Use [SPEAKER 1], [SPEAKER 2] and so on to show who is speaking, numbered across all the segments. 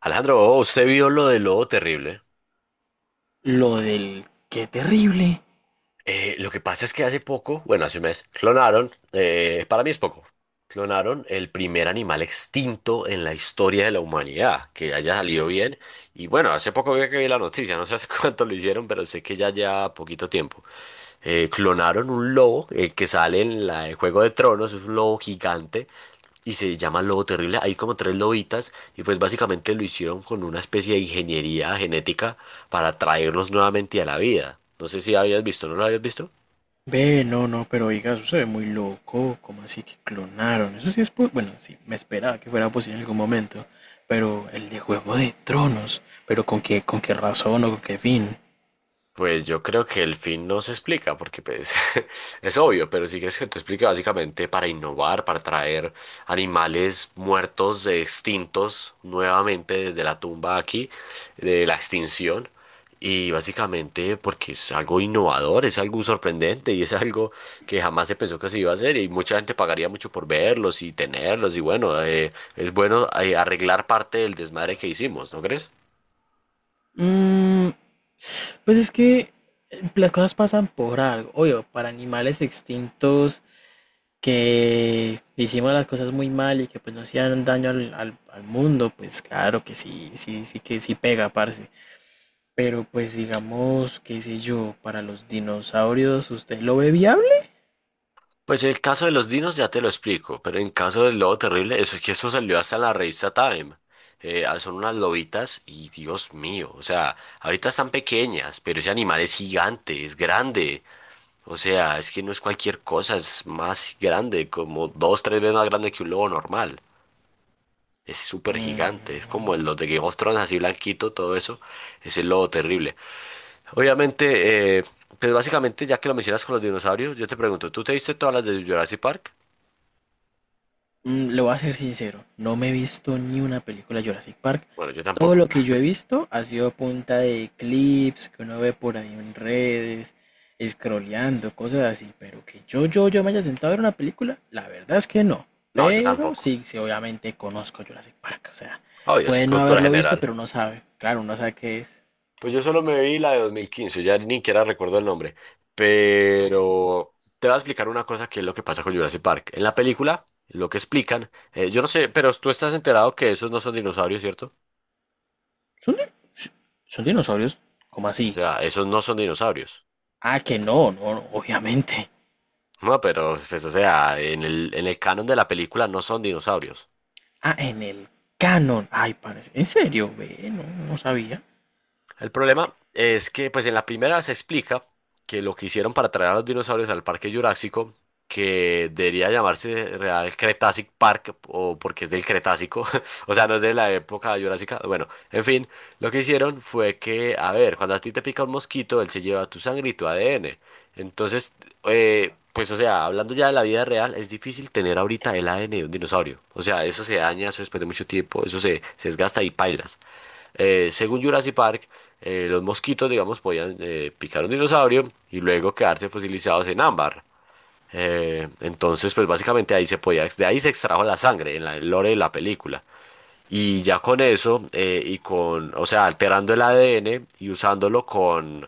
[SPEAKER 1] Alejandro, oh, usted vio lo de Lobo Terrible.
[SPEAKER 2] Lo del qué terrible.
[SPEAKER 1] Lo que pasa es que hace poco, bueno, hace un mes, clonaron, para mí es poco, clonaron el primer animal extinto en la historia de la humanidad, que haya salido bien. Y bueno, hace poco vi la noticia, no sé hace cuánto lo hicieron, pero sé que ya lleva poquito tiempo. Clonaron un lobo, el que sale en la de Juego de Tronos, es un lobo gigante y se llama lobo terrible. Hay como tres lobitas y pues básicamente lo hicieron con una especie de ingeniería genética para traerlos nuevamente a la vida. No sé si habías visto, ¿no lo habías visto?
[SPEAKER 2] Ve, no, no, pero oiga, eso se ve muy loco. ¿Cómo así que clonaron? Eso sí es. Po- Bueno, sí, me esperaba que fuera posible en algún momento. Pero el de Juego de Tronos. ¿Pero con qué razón o con qué fin?
[SPEAKER 1] Pues yo creo que el fin no se explica, porque pues es obvio, pero sí que es que te explica básicamente para innovar, para traer animales muertos, extintos nuevamente desde la tumba aquí, de la extinción, y básicamente porque es algo innovador, es algo sorprendente y es algo que jamás se pensó que se iba a hacer y mucha gente pagaría mucho por verlos y tenerlos y bueno, es bueno arreglar parte del desmadre que hicimos, ¿no crees?
[SPEAKER 2] Mm, pues es que las cosas pasan por algo. Obvio, para animales extintos que hicimos las cosas muy mal y que pues no hacían daño al mundo, pues claro que sí, sí, sí que sí pega, parce. Pero pues digamos, qué sé yo, para los dinosaurios, ¿usted lo ve viable?
[SPEAKER 1] Pues el caso de los dinos ya te lo explico, pero en caso del lobo terrible, eso es que eso salió hasta en la revista Time. Son unas lobitas y Dios mío, o sea, ahorita están pequeñas, pero ese animal es gigante, es grande. O sea, es que no es cualquier cosa, es más grande, como dos, tres veces más grande que un lobo normal. Es súper gigante, es
[SPEAKER 2] Mm,
[SPEAKER 1] como los de Game of Thrones, así blanquito, todo eso. Es el lobo terrible. Obviamente, pues básicamente, ya que lo mencionas con los dinosaurios, yo te pregunto, ¿tú te viste todas las de Jurassic Park?
[SPEAKER 2] mm, le voy a ser sincero, no me he visto ni una película de Jurassic Park.
[SPEAKER 1] Bueno, yo
[SPEAKER 2] Todo
[SPEAKER 1] tampoco.
[SPEAKER 2] lo que yo he visto ha sido a punta de clips que uno ve por ahí en redes, scrolleando, cosas así. Pero que yo me haya sentado a ver una película, la verdad es que no.
[SPEAKER 1] No, yo
[SPEAKER 2] Pero
[SPEAKER 1] tampoco.
[SPEAKER 2] sí, sí, obviamente conozco Jurassic Park. O sea,
[SPEAKER 1] Obvio, sí,
[SPEAKER 2] puede no
[SPEAKER 1] cultura
[SPEAKER 2] haberlo visto,
[SPEAKER 1] general.
[SPEAKER 2] pero uno sabe. Claro, uno sabe qué es.
[SPEAKER 1] Pues yo solo me vi la de 2015 ya ni siquiera recuerdo el nombre. Pero te voy a explicar una cosa que es lo que pasa con Jurassic Park. En la película, lo que explican, yo no sé, pero tú estás enterado que esos no son dinosaurios, ¿cierto?
[SPEAKER 2] ¿Son, di- si, ¿son dinosaurios? ¿Cómo
[SPEAKER 1] O
[SPEAKER 2] así?
[SPEAKER 1] sea, esos no son dinosaurios.
[SPEAKER 2] Ah, que no, no, no, obviamente.
[SPEAKER 1] No, pero, pues, o sea, en el canon de la película no son dinosaurios.
[SPEAKER 2] Ah, en el canon. Ay, parece. ¿En serio? Ve, no, no sabía.
[SPEAKER 1] El problema es que, pues en la primera se explica que lo que hicieron para traer a los dinosaurios al Parque Jurásico, que debería llamarse Real Cretácic Park, o porque es del Cretácico, o sea, no es de la época jurásica. Bueno, en fin, lo que hicieron fue que, a ver, cuando a ti te pica un mosquito, él se lleva tu sangre y tu ADN. Entonces, pues, o sea, hablando ya de la vida real, es difícil tener ahorita el ADN de un dinosaurio. O sea, eso se daña, eso después de mucho tiempo, se desgasta y pailas. Según Jurassic Park, los mosquitos, digamos, podían picar un dinosaurio y luego quedarse fosilizados en ámbar. Entonces, pues básicamente ahí se podía, de ahí se extrajo la sangre en la, el lore de la película. Y ya con eso, y con, o sea, alterando el ADN y usándolo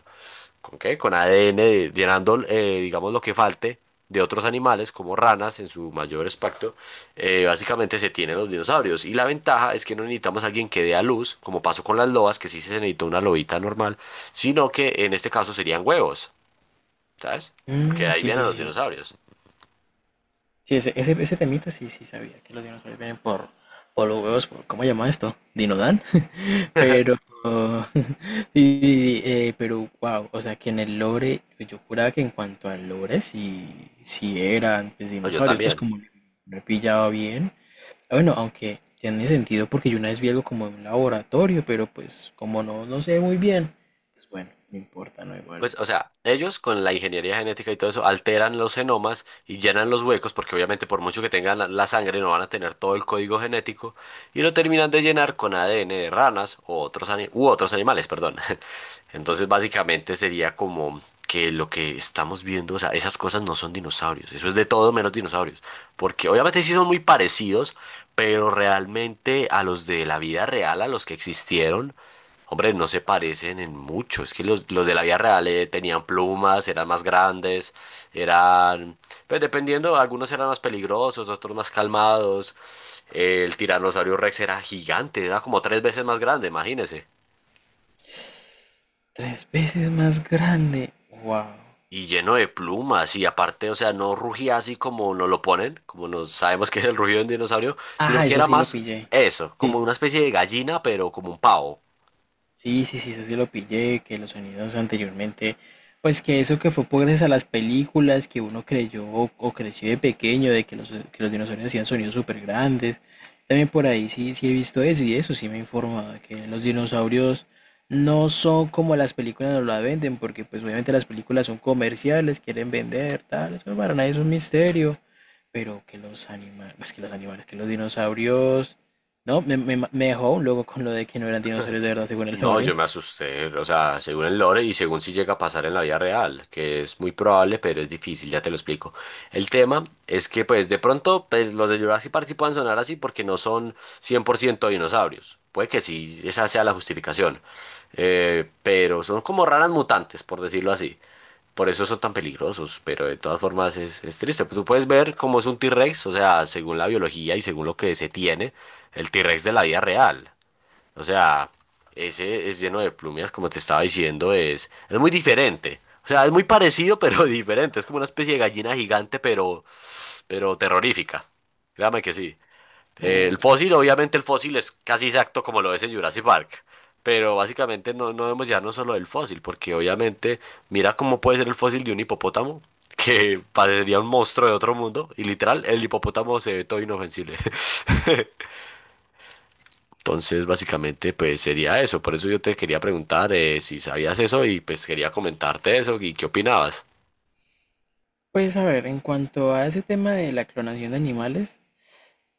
[SPEAKER 1] ¿con qué? Con ADN, llenando, digamos, lo que falte de otros animales, como ranas en su mayor espectro, básicamente se tienen los dinosaurios. Y la ventaja es que no necesitamos a alguien que dé a luz, como pasó con las lobas, que sí se necesitó una lobita normal, sino que en este caso serían huevos, ¿sabes? Porque de
[SPEAKER 2] Mm,
[SPEAKER 1] ahí
[SPEAKER 2] sí, sí, sí.
[SPEAKER 1] vienen los
[SPEAKER 2] Sí,
[SPEAKER 1] dinosaurios.
[SPEAKER 2] sí, ese, ese temita sí, sí sabía. Que los dinosaurios vienen por los huevos, por, ¿cómo se llama esto? ¿Dinodan? Pero. Sí, sí, sí, pero wow. O sea, que en el lore. Yo juraba que en cuanto al lore, sí, sí eran pues,
[SPEAKER 1] No, yo
[SPEAKER 2] dinosaurios. Pues
[SPEAKER 1] también.
[SPEAKER 2] como no he pillado bien. Bueno, aunque tiene sentido porque yo una vez vi algo como en un laboratorio, pero pues como no, no sé muy bien, pues bueno, no importa, no igual.
[SPEAKER 1] Pues, o sea, ellos con la ingeniería genética y todo eso alteran los genomas y llenan los huecos, porque obviamente por mucho que tengan la sangre no van a tener todo el código genético, y lo terminan de llenar con ADN de ranas o otros ani- u otros animales, perdón. Entonces, básicamente sería como que lo que estamos viendo, o sea, esas cosas no son dinosaurios, eso es de todo menos dinosaurios, porque obviamente sí son muy parecidos, pero realmente a los de la vida real, a los que existieron, hombre, no se parecen en mucho. Es que los de la vida real tenían plumas, eran más grandes, eran... Pues dependiendo, algunos eran más peligrosos, otros más calmados. El tiranosaurio Rex era gigante, era como tres veces más grande, imagínese.
[SPEAKER 2] Tres veces más grande. Wow.
[SPEAKER 1] Y lleno de plumas, y aparte, o sea, no rugía así como nos lo ponen, como nos sabemos que es el rugido de un dinosaurio, sino
[SPEAKER 2] Ah,
[SPEAKER 1] que
[SPEAKER 2] eso
[SPEAKER 1] era
[SPEAKER 2] sí lo
[SPEAKER 1] más
[SPEAKER 2] pillé.
[SPEAKER 1] eso, como
[SPEAKER 2] Sí,
[SPEAKER 1] una especie de gallina, pero como un pavo.
[SPEAKER 2] sí, sí, sí, eso sí lo pillé, que los sonidos anteriormente, pues que eso que fue por gracias a las películas que uno creyó o creció de pequeño, de que los dinosaurios hacían sonidos súper grandes. También por ahí sí, sí he visto eso y eso sí me he informado, de que los dinosaurios no son como las películas nos la venden, porque pues obviamente las películas son comerciales, quieren vender, tal, eso para nadie es un misterio, pero que los animales, pues que los animales, que los dinosaurios no, me dejó un loco con lo de que no eran dinosaurios de verdad, según el
[SPEAKER 1] No, yo
[SPEAKER 2] lore.
[SPEAKER 1] me asusté, o sea, según el lore y según si llega a pasar en la vida real, que es muy probable, pero es difícil, ya te lo explico. El tema es que, pues, de pronto, pues, los de Jurassic Park sí pueden sonar así porque no son 100% dinosaurios. Puede que sí, esa sea la justificación. Pero son como raras mutantes, por decirlo así. Por eso son tan peligrosos, pero de todas formas es triste. Tú puedes ver cómo es un T-Rex, o sea, según la biología y según lo que se tiene, el T-Rex de la vida real. O sea, ese es lleno de plumias, como te estaba diciendo, es muy diferente. O sea, es muy parecido, pero diferente. Es como una especie de gallina gigante, pero terrorífica. Créame que sí. El fósil, obviamente, el fósil es casi exacto como lo es en Jurassic Park. Pero básicamente no, no debemos llevarnos solo del fósil, porque obviamente, mira cómo puede ser el fósil de un hipopótamo, que parecería un monstruo de otro mundo, y literal, el hipopótamo se ve todo inofensible. Entonces, básicamente, pues sería eso. Por eso yo te quería preguntar si sabías eso y pues quería comentarte eso y qué opinabas.
[SPEAKER 2] Pues a ver, en cuanto a ese tema de la clonación de animales,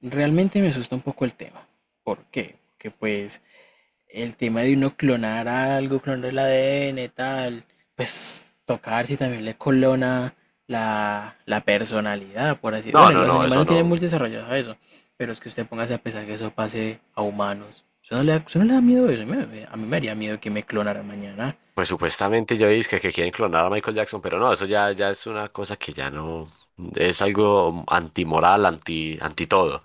[SPEAKER 2] realmente me asusta un poco el tema. ¿Por qué? Porque pues el tema de uno clonar algo, clonar el ADN, tal, pues tocar si también le clona la, la personalidad, por así
[SPEAKER 1] No,
[SPEAKER 2] Bueno,
[SPEAKER 1] no,
[SPEAKER 2] los
[SPEAKER 1] no,
[SPEAKER 2] animales
[SPEAKER 1] eso
[SPEAKER 2] no tienen muy
[SPEAKER 1] no.
[SPEAKER 2] desarrollado eso, pero es que usted póngase a pensar que eso pase a humanos. Eso no le da, eso no le da miedo eso, a mí me haría miedo que me clonaran mañana.
[SPEAKER 1] Pues supuestamente yo dije que quieren clonar a Michael Jackson, pero no, eso ya, ya es una cosa que ya no es algo antimoral, anti, anti todo.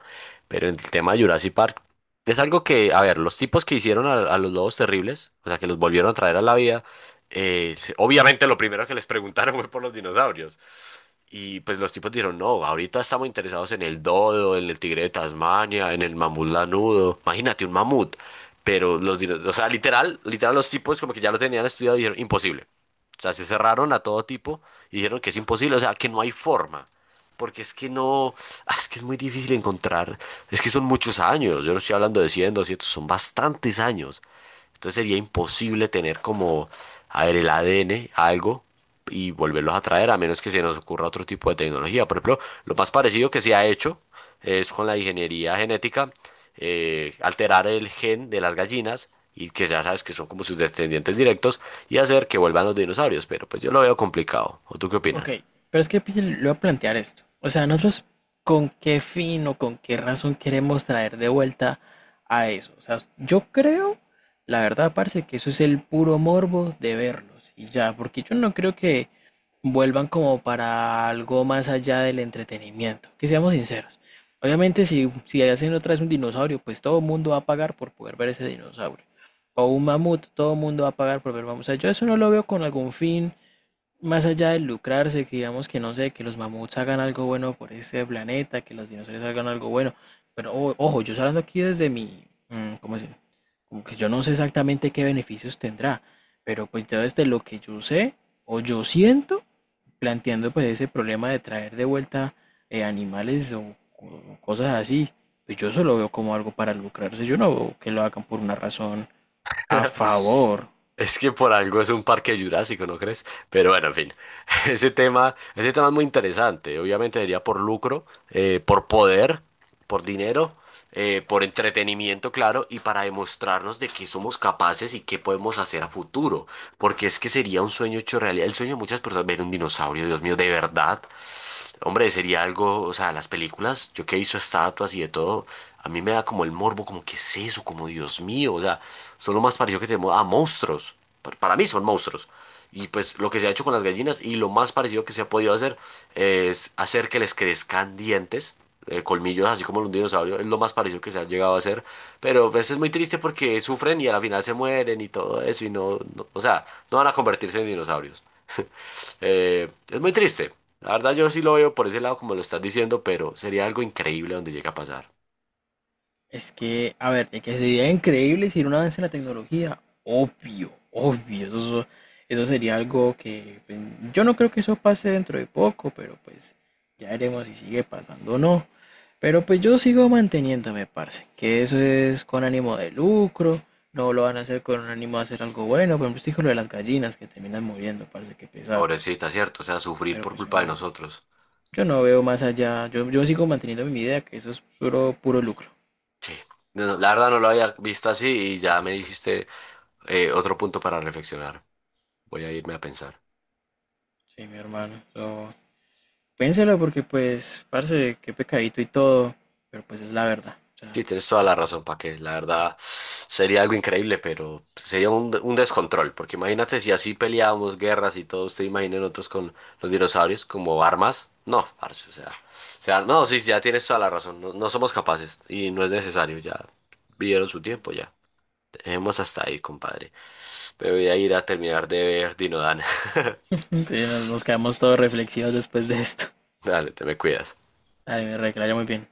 [SPEAKER 1] Pero en el tema de Jurassic Park, es algo que, a ver, los tipos que hicieron a los lobos terribles, o sea, que los volvieron a traer a la vida, obviamente lo primero que les preguntaron fue por los dinosaurios. Y pues los tipos dijeron, no, ahorita estamos interesados en el dodo, en el tigre de Tasmania, en el mamut lanudo. Imagínate un mamut. Pero o sea, literal, literal los tipos como que ya lo tenían estudiado y dijeron, imposible. O sea, se cerraron a todo tipo y dijeron que es imposible, o sea, que no hay forma. Porque es que no, es que es muy difícil encontrar, es que son muchos años, yo no estoy hablando de 100 200 son bastantes años. Entonces sería imposible tener como, a ver, el ADN, algo, y volverlos a traer, a menos que se nos ocurra otro tipo de tecnología. Por ejemplo, lo más parecido que se ha hecho es con la ingeniería genética, alterar el gen de las gallinas, y que ya sabes que son como sus descendientes directos, y hacer que vuelvan los dinosaurios. Pero pues yo lo veo complicado. ¿O tú qué
[SPEAKER 2] Ok,
[SPEAKER 1] opinas?
[SPEAKER 2] pero es que pille, le voy a plantear esto. O sea, nosotros con qué fin o con qué razón queremos traer de vuelta a eso. O sea, yo creo, la verdad, parce, que eso es el puro morbo de verlos y ya, porque yo no creo que vuelvan como para algo más allá del entretenimiento. Que seamos sinceros. Obviamente, si, si hacen otra vez un dinosaurio, pues todo el mundo va a pagar por poder ver ese dinosaurio. O un mamut, todo el mundo va a pagar por ver mamut. O sea, yo eso no lo veo con algún fin más allá de lucrarse, que digamos que no sé, que los mamuts hagan algo bueno por este planeta, que los dinosaurios hagan algo bueno. Pero ojo, yo estoy hablando aquí desde mi, ¿cómo decir? Como que yo no sé exactamente qué beneficios tendrá, pero pues yo desde lo que yo sé o yo siento, planteando pues ese problema de traer de vuelta animales o cosas así, pues yo eso lo veo como algo para lucrarse, yo no veo que lo hagan por una razón a favor.
[SPEAKER 1] Es que por algo es un parque jurásico, ¿no crees? Pero bueno, en fin, ese tema es muy interesante. Obviamente sería por lucro, por poder, por dinero, por entretenimiento, claro, y para demostrarnos de qué somos capaces y qué podemos hacer a futuro porque es que sería un sueño hecho realidad. El sueño de muchas personas, ver un dinosaurio, Dios mío, de verdad. Hombre, sería algo, o sea, las películas, yo que he visto estatuas y de todo, a mí me da como el morbo, como que es eso, como Dios mío, o sea, son lo más parecido que tenemos a monstruos. Para mí son monstruos. Y pues lo que se ha hecho con las gallinas y lo más parecido que se ha podido hacer es hacer que les crezcan dientes, colmillos, así como los dinosaurios. Es lo más parecido que se ha llegado a hacer. Pero pues es muy triste porque sufren y al final se mueren y todo eso. Y no, o sea, no van a convertirse en dinosaurios. Es muy triste. La verdad yo sí lo veo por ese lado como lo estás diciendo, pero sería algo increíble donde llega a pasar.
[SPEAKER 2] Es que, a ver, de que sería increíble si era un avance en la tecnología, obvio, obvio, eso, eso sería algo que pues, yo no creo que eso pase dentro de poco, pero pues ya veremos si sigue pasando o no. Pero pues yo sigo manteniéndome, parce, que eso es con ánimo de lucro, no lo van a hacer con ánimo de hacer algo bueno, por ejemplo, usted dijo lo de las gallinas que terminan muriendo, parece que pesar,
[SPEAKER 1] Pobrecita, ¿cierto? O sea, sufrir
[SPEAKER 2] pero
[SPEAKER 1] por
[SPEAKER 2] pues yo
[SPEAKER 1] culpa de
[SPEAKER 2] no,
[SPEAKER 1] nosotros.
[SPEAKER 2] yo no veo más allá, yo sigo manteniendo mi idea que eso es puro, puro lucro.
[SPEAKER 1] Sí. No, no, la verdad no lo había visto así y ya me dijiste otro punto para reflexionar. Voy a irme a pensar.
[SPEAKER 2] Sí, mi hermano, eso. Piénselo porque pues, parce, qué pecadito y todo, pero pues es la verdad. O
[SPEAKER 1] Sí,
[SPEAKER 2] sea,
[SPEAKER 1] tienes toda la razón, para que la verdad sería algo increíble, pero sería un descontrol, porque imagínate si así peleábamos guerras y todo, usted imagina nosotros con los dinosaurios como armas. No, parce, no, sí, ya tienes toda la razón, no, no somos capaces y no es necesario, ya vivieron su tiempo, ya. Dejemos hasta ahí, compadre. Me voy a ir a terminar de ver Dinodan.
[SPEAKER 2] sí, nos, nos quedamos todos reflexivos después de esto.
[SPEAKER 1] Dale, te me cuidas.
[SPEAKER 2] Ay, mi rey que la haya muy bien.